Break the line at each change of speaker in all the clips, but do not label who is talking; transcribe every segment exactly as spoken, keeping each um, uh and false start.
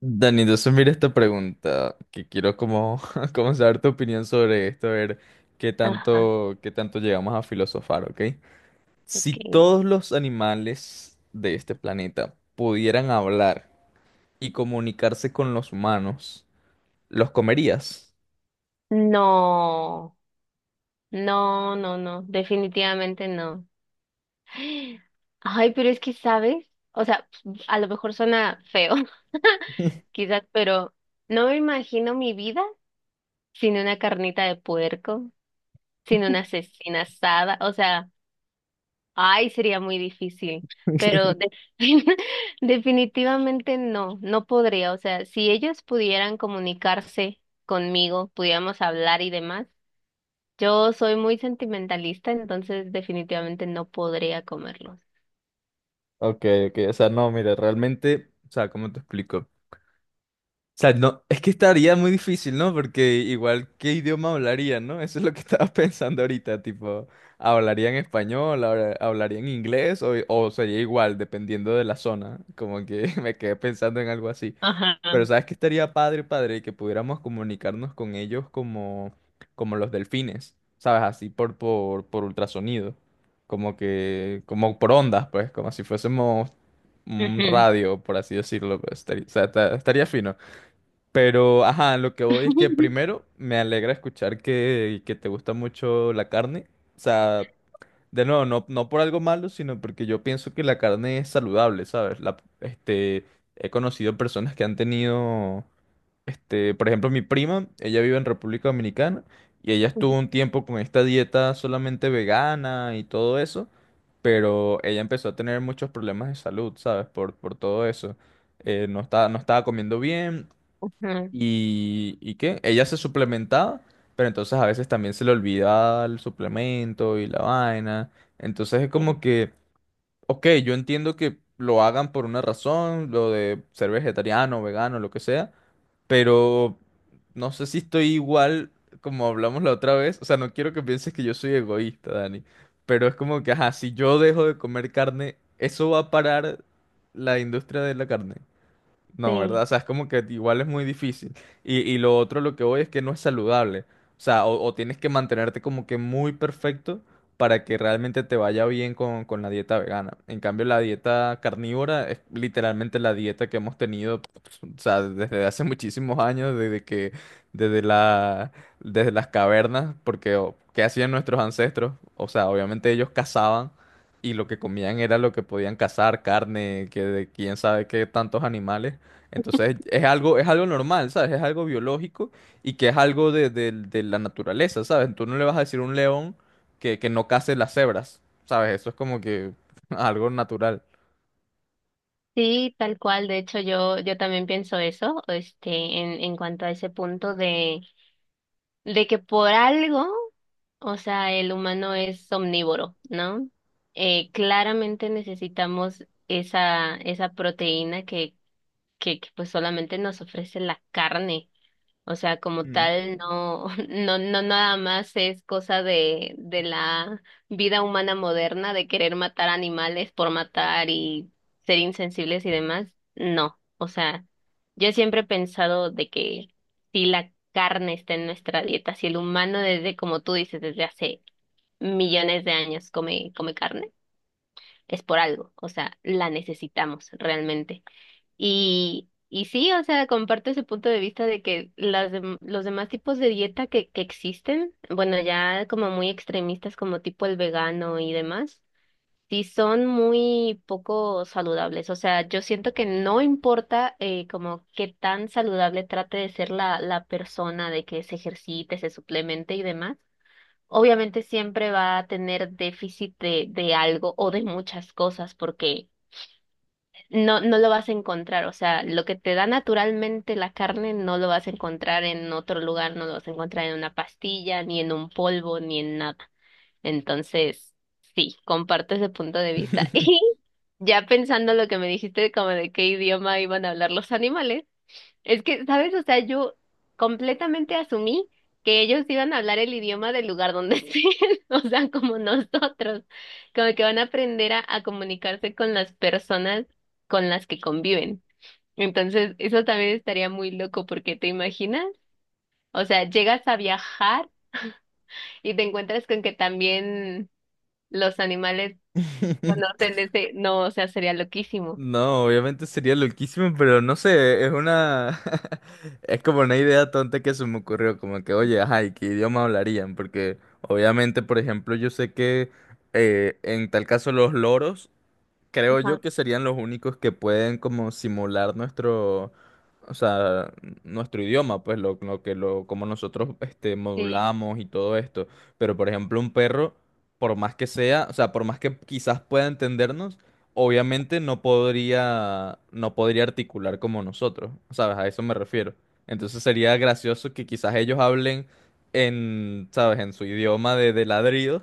Dani, entonces mira esta pregunta, que quiero como, como saber tu opinión sobre esto, a ver qué
Ajá,
tanto, qué tanto llegamos a filosofar, ¿ok? Si
ok.
todos los animales de este planeta pudieran hablar y comunicarse con los humanos, ¿los comerías?
No, no, no, no, definitivamente no. Ay, pero es que, ¿sabes? O sea, a lo mejor suena feo, quizás, pero no me imagino mi vida sin una carnita de puerco, sin una cecina asada. O sea, ay, sería muy difícil, pero de- definitivamente no, no podría. O sea, si ellos pudieran comunicarse conmigo, pudiéramos hablar y demás. Yo soy muy sentimentalista, entonces definitivamente no podría comerlos.
Ok, ok, o sea, no, mira, realmente, o sea, ¿cómo te explico? O sea, no, es que estaría muy difícil, ¿no? Porque igual, ¿qué idioma hablarían, no? Eso es lo que estaba pensando ahorita, tipo, ¿hablarían español, habla- hablarían inglés o, o sería igual, dependiendo de la zona? Como que me quedé pensando en algo así.
Ajá.
Pero ¿sabes qué estaría padre, padre? Que pudiéramos comunicarnos con ellos como, como los delfines, ¿sabes? Así por, por, por ultrasonido, como que, como por ondas, pues, como si fuésemos un
Ujú.
radio, por así decirlo. Pues, estaría- o sea, esta- estaría fino. Pero, ajá, lo que voy es que primero me alegra escuchar que, que te gusta mucho la carne. O sea, de nuevo, no, no por algo malo, sino porque yo pienso que la carne es saludable, ¿sabes? La, este, he conocido personas que han tenido, este, por ejemplo, mi prima, ella vive en República Dominicana y ella estuvo un tiempo con esta dieta solamente vegana y todo eso, pero ella empezó a tener muchos problemas de salud, ¿sabes? Por, por todo eso. Eh, no está, no estaba comiendo bien.
Ajá.
¿Y, y qué? Ella se suplementaba, pero entonces a veces también se le olvidaba el suplemento y la vaina. Entonces es
Sí,
como que, ok, yo entiendo que lo hagan por una razón, lo de ser vegetariano, vegano, lo que sea, pero no sé si estoy igual como hablamos la otra vez. O sea, no quiero que pienses que yo soy egoísta, Dani, pero es como que, ajá, si yo dejo de comer carne, ¿eso va a parar la industria de la carne? No, ¿verdad?
sí,
O sea, es como que igual es muy difícil. Y, y lo otro, lo que voy es que no es saludable. O sea, o, o tienes que mantenerte como que muy perfecto para que realmente te vaya bien con, con la dieta vegana. En cambio, la dieta carnívora es literalmente la dieta que hemos tenido, pues, o sea, desde hace muchísimos años, desde que, desde la, desde las cavernas, porque o, ¿qué hacían nuestros ancestros? O sea, obviamente ellos cazaban y lo que comían era lo que podían cazar, carne, que de quién sabe qué tantos animales. Entonces es algo, es algo normal, ¿sabes? Es algo biológico y que es algo de, de- de la naturaleza, ¿sabes? Tú no le vas a decir a un león que, que no case las cebras, ¿sabes? Eso es como que algo natural.
sí, tal cual. De hecho, yo, yo también pienso eso, este, en, en cuanto a ese punto de, de que por algo, o sea, el humano es omnívoro, ¿no? Eh, claramente necesitamos esa, esa proteína que, que, que pues solamente nos ofrece la carne. O sea, como
Mm.
tal, no, no, no nada más es cosa de, de la vida humana moderna, de querer matar animales por matar y ser insensibles y demás. No, o sea, yo siempre he pensado de que si la carne está en nuestra dieta, si el humano desde, como tú dices, desde hace millones de años come, come carne, es por algo, o sea, la necesitamos realmente. Y, y sí, o sea, comparto ese punto de vista de que las dem- los demás tipos de dieta que, que existen, bueno, ya como muy extremistas como tipo el vegano y demás, sí son muy poco saludables. O sea, yo siento que no importa eh, como qué tan saludable trate de ser la, la persona, de que se ejercite, se suplemente y demás. Obviamente siempre va a tener déficit de, de algo o de muchas cosas porque no, no lo vas a encontrar, o sea, lo que te da naturalmente la carne no lo vas a encontrar en otro lugar, no lo vas a encontrar en una pastilla, ni en un polvo, ni en nada. Entonces, sí, comparto ese punto de vista. Y ya pensando lo que me dijiste, como de qué idioma iban a hablar los animales. Es que, ¿sabes? O sea, yo completamente asumí que ellos iban a hablar el idioma del lugar donde estén, o sea, como nosotros, como que van a aprender a, a comunicarse con las personas con las que conviven. Entonces, eso también estaría muy loco porque te imaginas, o sea, llegas a viajar y te encuentras con que también los animales conocen ese, no, o sea, sería loquísimo.
No, obviamente sería loquísimo, pero no sé, es una es como una idea tonta que se me ocurrió, como que, oye, ajá, ¿y qué idioma hablarían? Porque obviamente, por ejemplo, yo sé que eh, en tal caso los loros creo yo
Ajá.
que serían los únicos que pueden como simular nuestro, o sea, nuestro idioma, pues lo, lo que lo, como nosotros este,
Sí.
modulamos y todo esto. Pero por ejemplo, un perro, por más que sea, o sea, por más que quizás pueda entendernos, obviamente no podría, no podría articular como nosotros, ¿sabes? A eso me refiero. Entonces sería gracioso que quizás ellos hablen en, ¿sabes? En su idioma de, de ladridos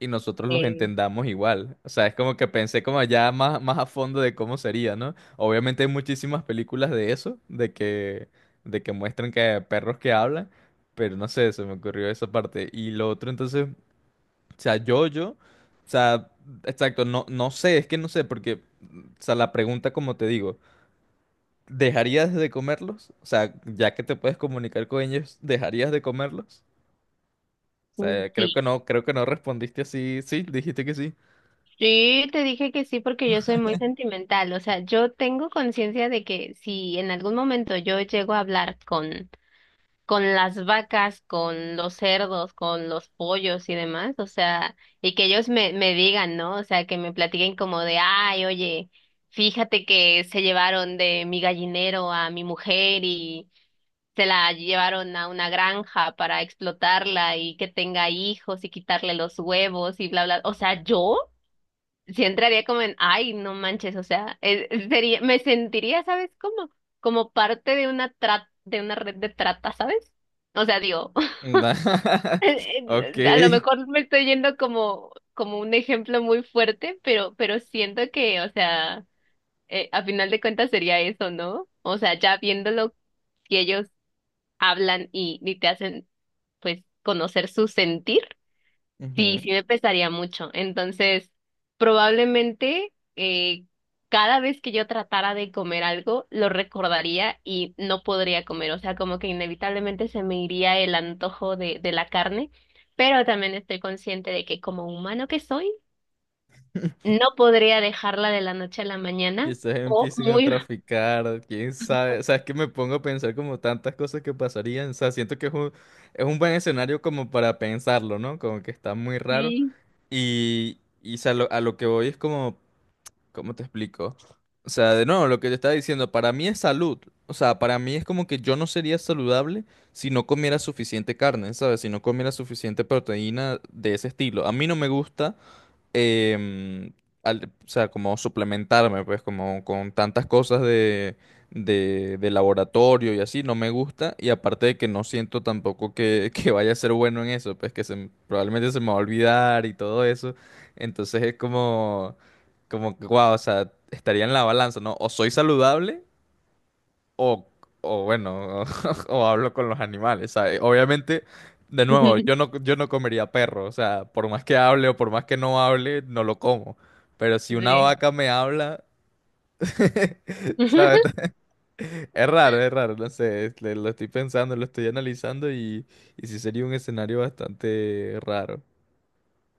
y nosotros los
Eh,
entendamos igual. O sea, es como que pensé como ya más, más a fondo de cómo sería, ¿no? Obviamente hay muchísimas películas de eso, de que, de que muestran que hay perros que hablan, pero no sé, se me ocurrió esa parte. Y lo otro, entonces, o sea, yo, yo, o sea, exacto, no, no sé, es que no sé, porque, o sea, la pregunta, como te digo, ¿dejarías de comerlos? O sea, ya que te puedes comunicar con ellos, ¿dejarías de comerlos? O sea, creo que
sí.
no, creo que no respondiste así. Sí, dijiste que sí.
Sí, te dije que sí porque yo soy muy sentimental, o sea, yo tengo conciencia de que si en algún momento yo llego a hablar con con las vacas, con los cerdos, con los pollos y demás, o sea, y que ellos me me digan, ¿no? O sea, que me platiquen como de, "Ay, oye, fíjate que se llevaron de mi gallinero a mi mujer y se la llevaron a una granja para explotarla y que tenga hijos y quitarle los huevos y bla bla." O sea, yo sí entraría como en, ay, no manches, o sea, es- sería, me sentiría, ¿sabes cómo? Como parte de una tra- de una red de trata, ¿sabes? O sea, digo,
Na-
a lo
Ok.
mejor me estoy yendo como, como un ejemplo muy fuerte, pero, pero siento que, o sea, eh, a final de cuentas sería eso, ¿no? O sea, ya viéndolo, si ellos hablan y, y te hacen, pues, conocer su sentir. Sí,
Ujú.
sí me pesaría mucho. Entonces, probablemente eh, cada vez que yo tratara de comer algo, lo recordaría y no podría comer. O sea, como que inevitablemente se me iría el antojo de, de la carne, pero también estoy consciente de que como humano que soy, no podría dejarla de la noche a la mañana
Quizás
o
empiecen a
muy...
traficar, quién sabe. O sea, es que me pongo a pensar como tantas cosas que pasarían. O sea, siento que es un, es un buen escenario como para pensarlo, ¿no? Como que está muy raro.
Sí.
Y, y o sea, lo- a lo que voy es como, ¿cómo te explico? O sea, de nuevo, lo que te estaba diciendo, para mí es salud. O sea, para mí es como que yo no sería saludable si no comiera suficiente carne, ¿sabes? Si no comiera suficiente proteína de ese estilo. A mí no me gusta. em, al- o sea, como suplementarme, pues, como con tantas cosas de, de, de laboratorio y así, no me gusta. Y aparte de que no siento tampoco que, que vaya a ser bueno en eso, pues que se, m- probablemente se me va a olvidar y todo eso. Entonces es como, como, wow, o sea, estaría en la balanza, ¿no? O soy saludable. O, o bueno, o hablo con los animales, ¿sabes? Obviamente, de nuevo, yo no, yo no comería perro, o sea, por más que hable o por más que no hable, no lo como. Pero si una
Sí.
vaca me habla, ¿sabes? Es raro, es raro, no sé, es- le- lo estoy pensando, lo estoy analizando y, y sí sería un escenario bastante raro.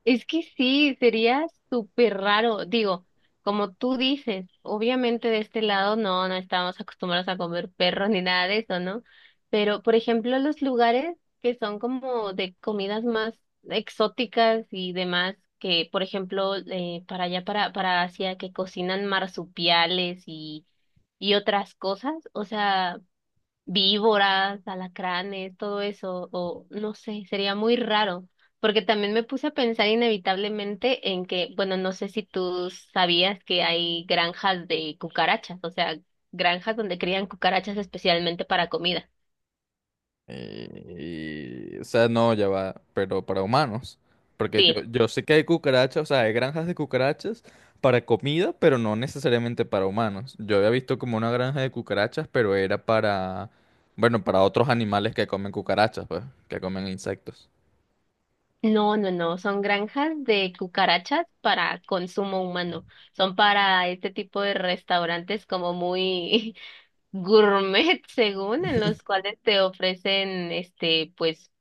Es que sí, sería súper raro. Digo, como tú dices, obviamente de este lado no, no estamos acostumbrados a comer perros ni nada de eso, ¿no? Pero, por ejemplo, los lugares que son como de comidas más exóticas y demás, que, por ejemplo, eh, para allá, para, para Asia, que cocinan marsupiales y, y otras cosas, o sea víboras, alacranes, todo eso, o no sé, sería muy raro, porque también me puse a pensar inevitablemente en que, bueno, no sé si tú sabías que hay granjas de cucarachas, o sea, granjas donde crían cucarachas especialmente para comida.
Y- y- o sea, no, ya va, pero para humanos. Porque yo,
Sí.
yo sé que hay cucarachas, o sea, hay granjas de cucarachas para comida, pero no necesariamente para humanos. Yo había visto como una granja de cucarachas, pero era para, bueno, para otros animales que comen cucarachas, pues, que comen insectos.
No, no, no, son granjas de cucarachas para consumo humano. Son para este tipo de restaurantes como muy gourmet, según, en los cuales te ofrecen este pues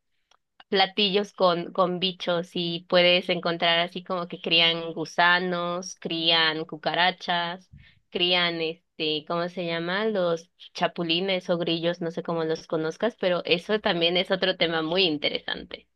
platillos con, con bichos y puedes encontrar así como que crían gusanos, crían cucarachas, crían este, ¿cómo se llama? Los chapulines o grillos, no sé cómo los conozcas, pero eso también es otro tema muy interesante.